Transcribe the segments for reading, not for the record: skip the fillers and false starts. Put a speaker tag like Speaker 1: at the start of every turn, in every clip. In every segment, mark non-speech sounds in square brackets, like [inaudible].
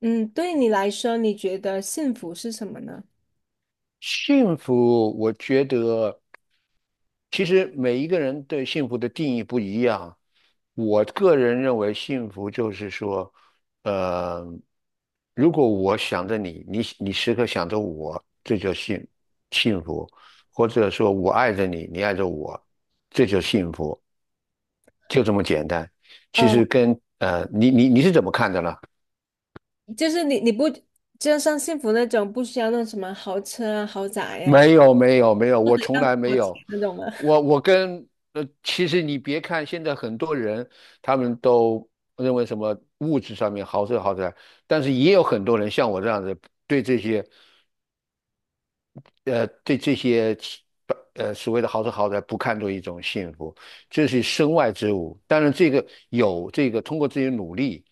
Speaker 1: 嗯，对你来说，你觉得幸福是什么呢？
Speaker 2: 幸福，我觉得其实每一个人对幸福的定义不一样。我个人认为，幸福就是说，呃，如果我想着你，你时刻想着我，这叫幸福；或者说我爱着你，你爱着我，这就幸福，就这么简单。其
Speaker 1: 呃，
Speaker 2: 实跟你是怎么看的呢？
Speaker 1: 就是你不就像幸福那种，不需要那什么豪车啊、豪宅呀、
Speaker 2: 没有没有没有，我从来没有。
Speaker 1: 那种吗？
Speaker 2: 我
Speaker 1: [laughs]
Speaker 2: 我跟呃，其实你别看现在很多人他们都认为什么物质上面豪车豪宅，但是也有很多人像我这样子，对这些呃对这些其呃所谓的豪车豪宅不看作一种幸福，这是身外之物。当然这个有这个通过自己的努力。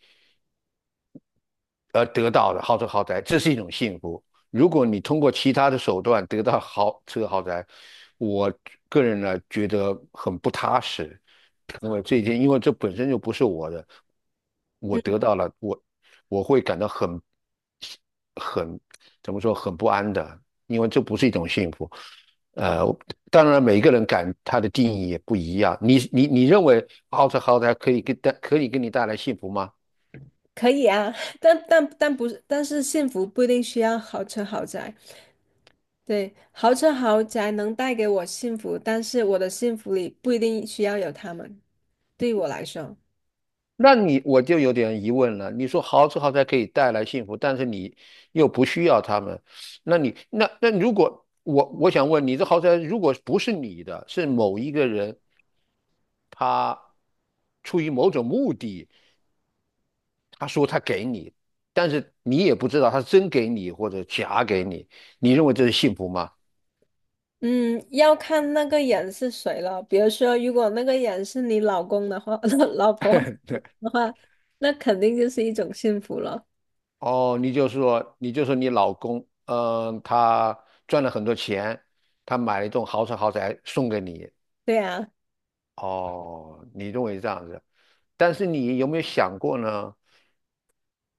Speaker 2: 而得到的豪车豪宅，这是一种幸福。如果你通过其他的手段得到豪车豪宅，我个人呢觉得很不踏实，因为这一天，因为这本身就不是我的，我
Speaker 1: 嗯，
Speaker 2: 得到了，我会感到很怎么说很不安的，因为这不是一种幸福。呃，当然每个人感他的定义也不一样。你认为豪车豪宅可以给你带来幸福吗？
Speaker 1: 可以啊，[laughs] 但不是，但是幸福不一定需要豪车豪宅。对，豪车豪宅能带给我幸福，但是我的幸福里不一定需要有他们。对于我来说。
Speaker 2: 那你我就有点疑问了。你说豪车豪宅可以带来幸福，但是你又不需要他们，那你那那如果我想问你，这豪宅如果不是你的，是某一个人他出于某种目的，他说他给你，但是你也不知道他真给你或者假给你，你认为这是幸福吗？
Speaker 1: 嗯，要看那个人是谁了。比如说，如果那个人是你老公的话，[laughs] 老婆的话，那肯定就是一种幸福了。
Speaker 2: 哦，你就说你老公，嗯、他赚了很多钱，他买了一栋豪车豪宅送给你，
Speaker 1: 对啊，
Speaker 2: 哦，你认为这样子，但是你有没有想过呢？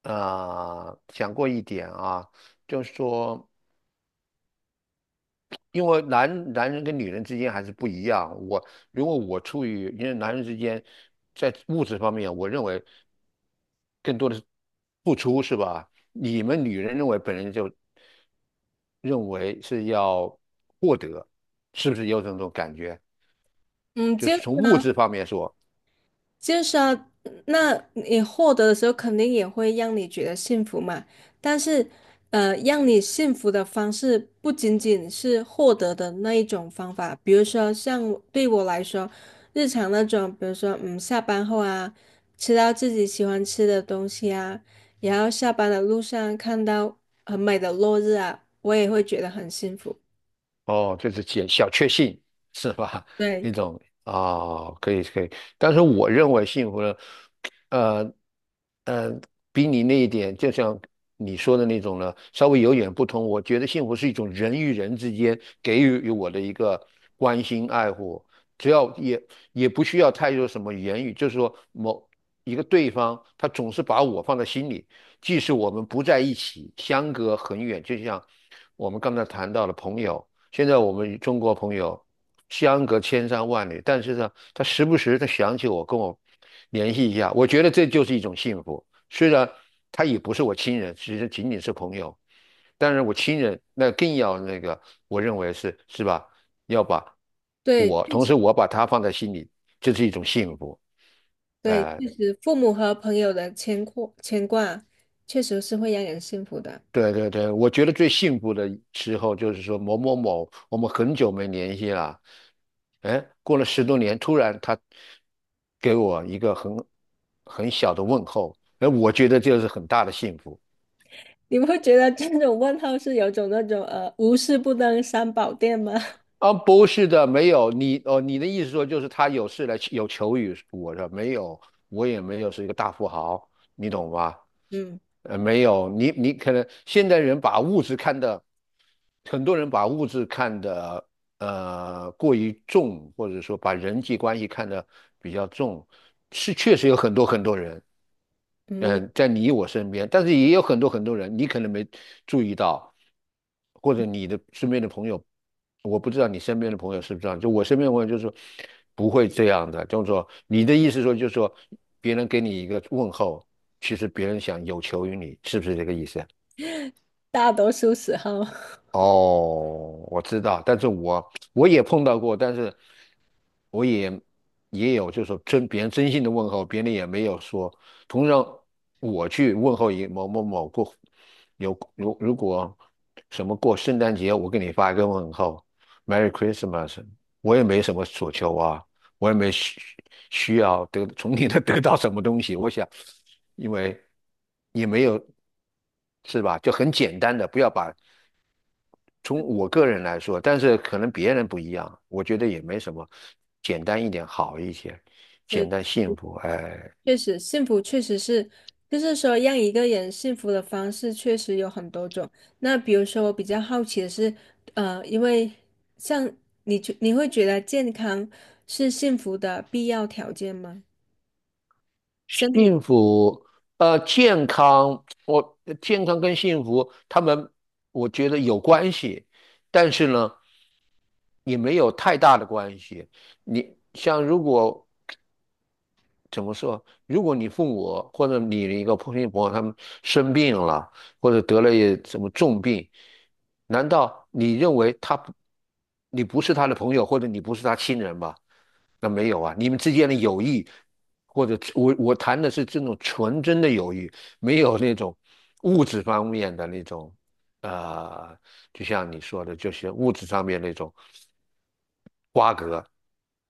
Speaker 2: 啊、想过一点啊，就是说，因为男人跟女人之间还是不一样。如果我处于，因为男人之间在物质方面，我认为更多的是付出，是吧？你们女人认为本人就认为是要获得，是不是有这种感觉？
Speaker 1: 嗯，
Speaker 2: 就
Speaker 1: 就
Speaker 2: 是
Speaker 1: 是。
Speaker 2: 从物质方面说。
Speaker 1: 就是啊，那你获得的时候，肯定也会让你觉得幸福嘛。但是，让你幸福的方式不仅仅是获得的那一种方法，比如说像我来说，日常那种，比如说嗯，下班后啊，吃到自己喜欢吃的东西啊，然后下班的路上看到很美的落日啊，我也会觉得很幸福。
Speaker 2: 哦，就是解小确幸是吧？[laughs]
Speaker 1: 对
Speaker 2: 那种啊，可以可以，但是我认为幸福呢，呃呃，比你那一点，就像你说的那种呢，稍微有点不同。我觉得幸福是一种人与人之间给予我的一个关心爱护，只要也也不需要太多什么言语，就是说某一个对方他总是把我放在心里，即使我们不在一起，相隔很远，就像我们刚才谈到的朋友。现在我们中国朋友相隔千山万里，但是呢，他时不时他想起我，跟我联系一下，我觉得这就是一种幸福。虽然他也不是我亲人，其实仅仅是朋友，但是我亲人那更要那个，我认为是是吧？要把
Speaker 1: 对，
Speaker 2: 我，同时我把他放在心里，这是一种幸福。
Speaker 1: 对，
Speaker 2: 哎、
Speaker 1: 确实，父母和朋友的牵挂，确实是会让人幸福的。
Speaker 2: 对对对，我觉得最幸福的时候就是说某某某，我们很久没联系了，哎，过了十多年，突然他给我一个很小的问候，哎，我觉得这是很大的幸福。
Speaker 1: 你不会觉得这种问候是有种那种无事不登三宝殿吗？
Speaker 2: 啊，不是的，没有你哦，你的意思说就是他有事来有求于我的，没有，我也没有是一个大富豪，你懂吧？
Speaker 1: [laughs] 嗯
Speaker 2: 没有，你你可能现代人把物质看得，很多人把物质看得过于重，或者说把人际关系看得比较重，是确实有很多很多人，
Speaker 1: 嗯，
Speaker 2: 嗯，在你我身边，但是也有很多很多人，你可能没注意到，或者你的身边的朋友，我不知道你身边的朋友是不是这样，就我身边的朋友就是说不会这样的，就是说你的意思说就是说别人给你一个问候，其实别人想有求于你，是不是这个意思啊？
Speaker 1: 大多数时候，
Speaker 2: 哦，我知道，但是我也碰到过，但是我也也有，就是说真别人真心的问候，别人也没有说。同样，我去问候一某某某过，如果什么过圣诞节，我给你发一个问候，Merry Christmas,我也没什么所求啊，我也没需要得从你那得到什么东西，我想，因为也没有。是吧？就很简单的，不要把从我个人来说，但是可能别人不一样，我觉得也没什么，简单一点好一些，
Speaker 1: [laughs]
Speaker 2: 简
Speaker 1: 对，
Speaker 2: 单幸福，哎，
Speaker 1: 确实幸福确实是，就是说让一个人幸福的方式确实有很多种。那比如说，我比较好奇的是，呃，因为像你觉你会觉得健康是幸福的必要条件吗？身体
Speaker 2: 幸福，健康，我健康跟幸福，他们我觉得有关系，但是呢，也没有太大的关系。你像如果怎么说？如果你父母或者你的一个朋友他们生病了，或者得了一什么重病，难道你认为他不，你不是他的朋友，或者你不是他亲人吗？那没有啊，你们之间的友谊，或者我谈的是这种纯真的友谊，没有那种物质方面的那种，呃，就像你说的，就是物质上面那种瓜葛，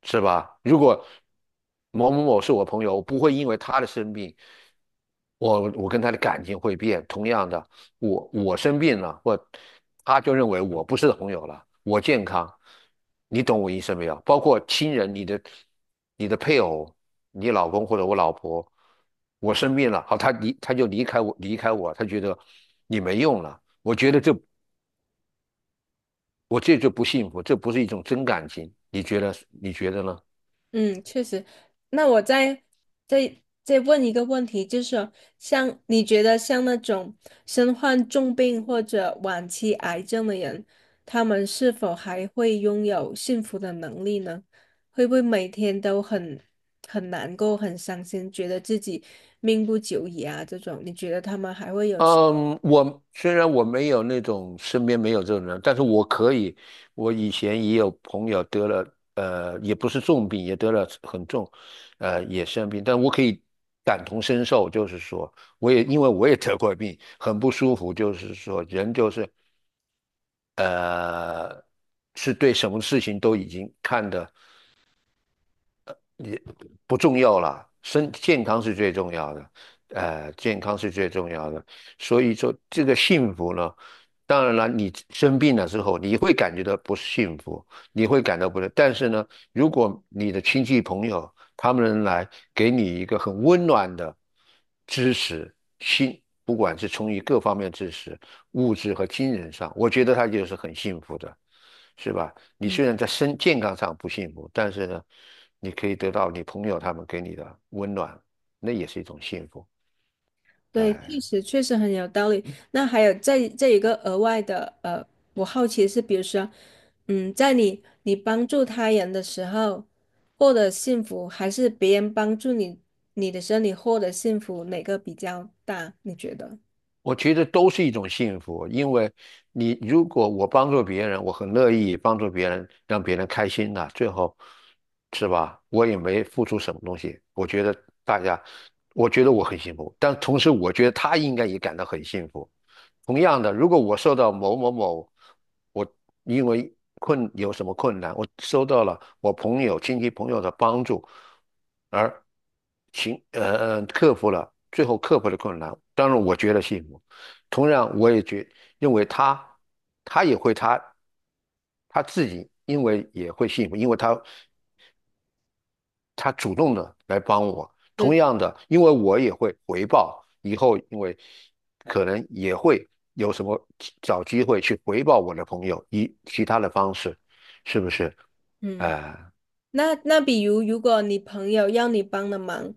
Speaker 2: 是吧？如果某某某是我朋友，我不会因为他的生病，我跟他的感情会变。同样的，我生病了，或他就认为我不是朋友了，我健康，你懂我意思没有？包括亲人，你的配偶，你老公或者我老婆，我生病了，好，他就离开我，离开我，他觉得你没用了。我觉得我这就不幸福，这不是一种真感情，你觉得呢？
Speaker 1: 嗯，确实。那我再再问一个问题，就是像你觉得像那种身患重病或者晚期癌症的人，他们是否还会拥有幸福的能力呢？会不会每天都很难过、很伤心，觉得自己命不久矣啊？这种，你觉得他们还会有？
Speaker 2: 嗯，虽然我没有那种身边没有这种人，但是我可以，我以前也有朋友得了，也不是重病，也得了很重，也生病，但我可以感同身受，就是说，我也因为我也得过病，很不舒服，就是说，人就是，呃，是对什么事情都已经看得不重要啦，身健康是最重要的，健康是最重要的。所以说，这个幸福呢，当然了，你生病了之后，你会感觉到不幸福，你会感到不是。但是呢，如果你的亲戚朋友他们来给你一个很温暖的支持，心，不管是从于各方面支持，物质和精神上，我觉得他就是很幸福的，是吧？你虽然在身健康上不幸福，但是呢，你可以得到你朋友他们给你的温暖，那也是一种幸福。
Speaker 1: 对，确
Speaker 2: 哎。
Speaker 1: 实确实很有道理。那还有这一个额外的，我好奇是，比如说，嗯，在你帮助他人的时候获得幸福，还是别人帮助你的时候你获得幸福，哪个比较大？你觉得？
Speaker 2: 我觉得都是一种幸福，因为如果我帮助别人，我很乐意帮助别人，让别人开心的，最后是吧？我也没付出什么东西，我觉得大家，我觉得我很幸福，但同时我觉得他应该也感到很幸福。同样的，如果我受到某某某，我因为有什么困难，我收到了我朋友、亲戚朋友的帮助，而行呃呃克服了最后克服了困难，当然我觉得幸福。同样，我也觉认为他他也会他他自己因为也会幸福，因为他他主动的来帮我。
Speaker 1: 对，
Speaker 2: 同样的，因为我也会回报，以后因为可能也会有什么找机会去回报我的朋友，以其他的方式，是不是？
Speaker 1: 嗯，
Speaker 2: 哎、
Speaker 1: 那比如如果你朋友要你帮的忙，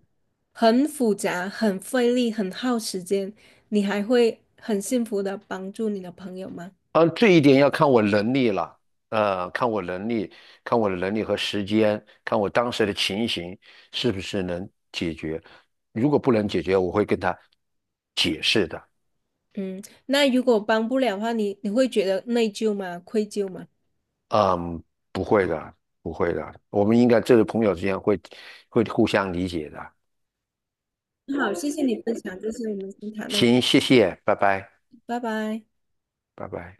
Speaker 1: 很复杂、很费力、很耗时间，你还会很幸福的帮助你的朋友吗？
Speaker 2: 嗯，这一点要看我能力了，看我能力，看我的能力和时间，看我当时的情形是不是能解决。如果不能解决，我会跟他解释的。
Speaker 1: 嗯，那如果帮不了的话，你会觉得内疚吗？愧疚吗？
Speaker 2: 嗯，不会的，不会的，我们应该这个朋友之间会互相理解的。
Speaker 1: 好，谢谢你分享，这是我们先谈到这里
Speaker 2: 行，谢谢，拜拜，
Speaker 1: 拜拜。
Speaker 2: 拜拜。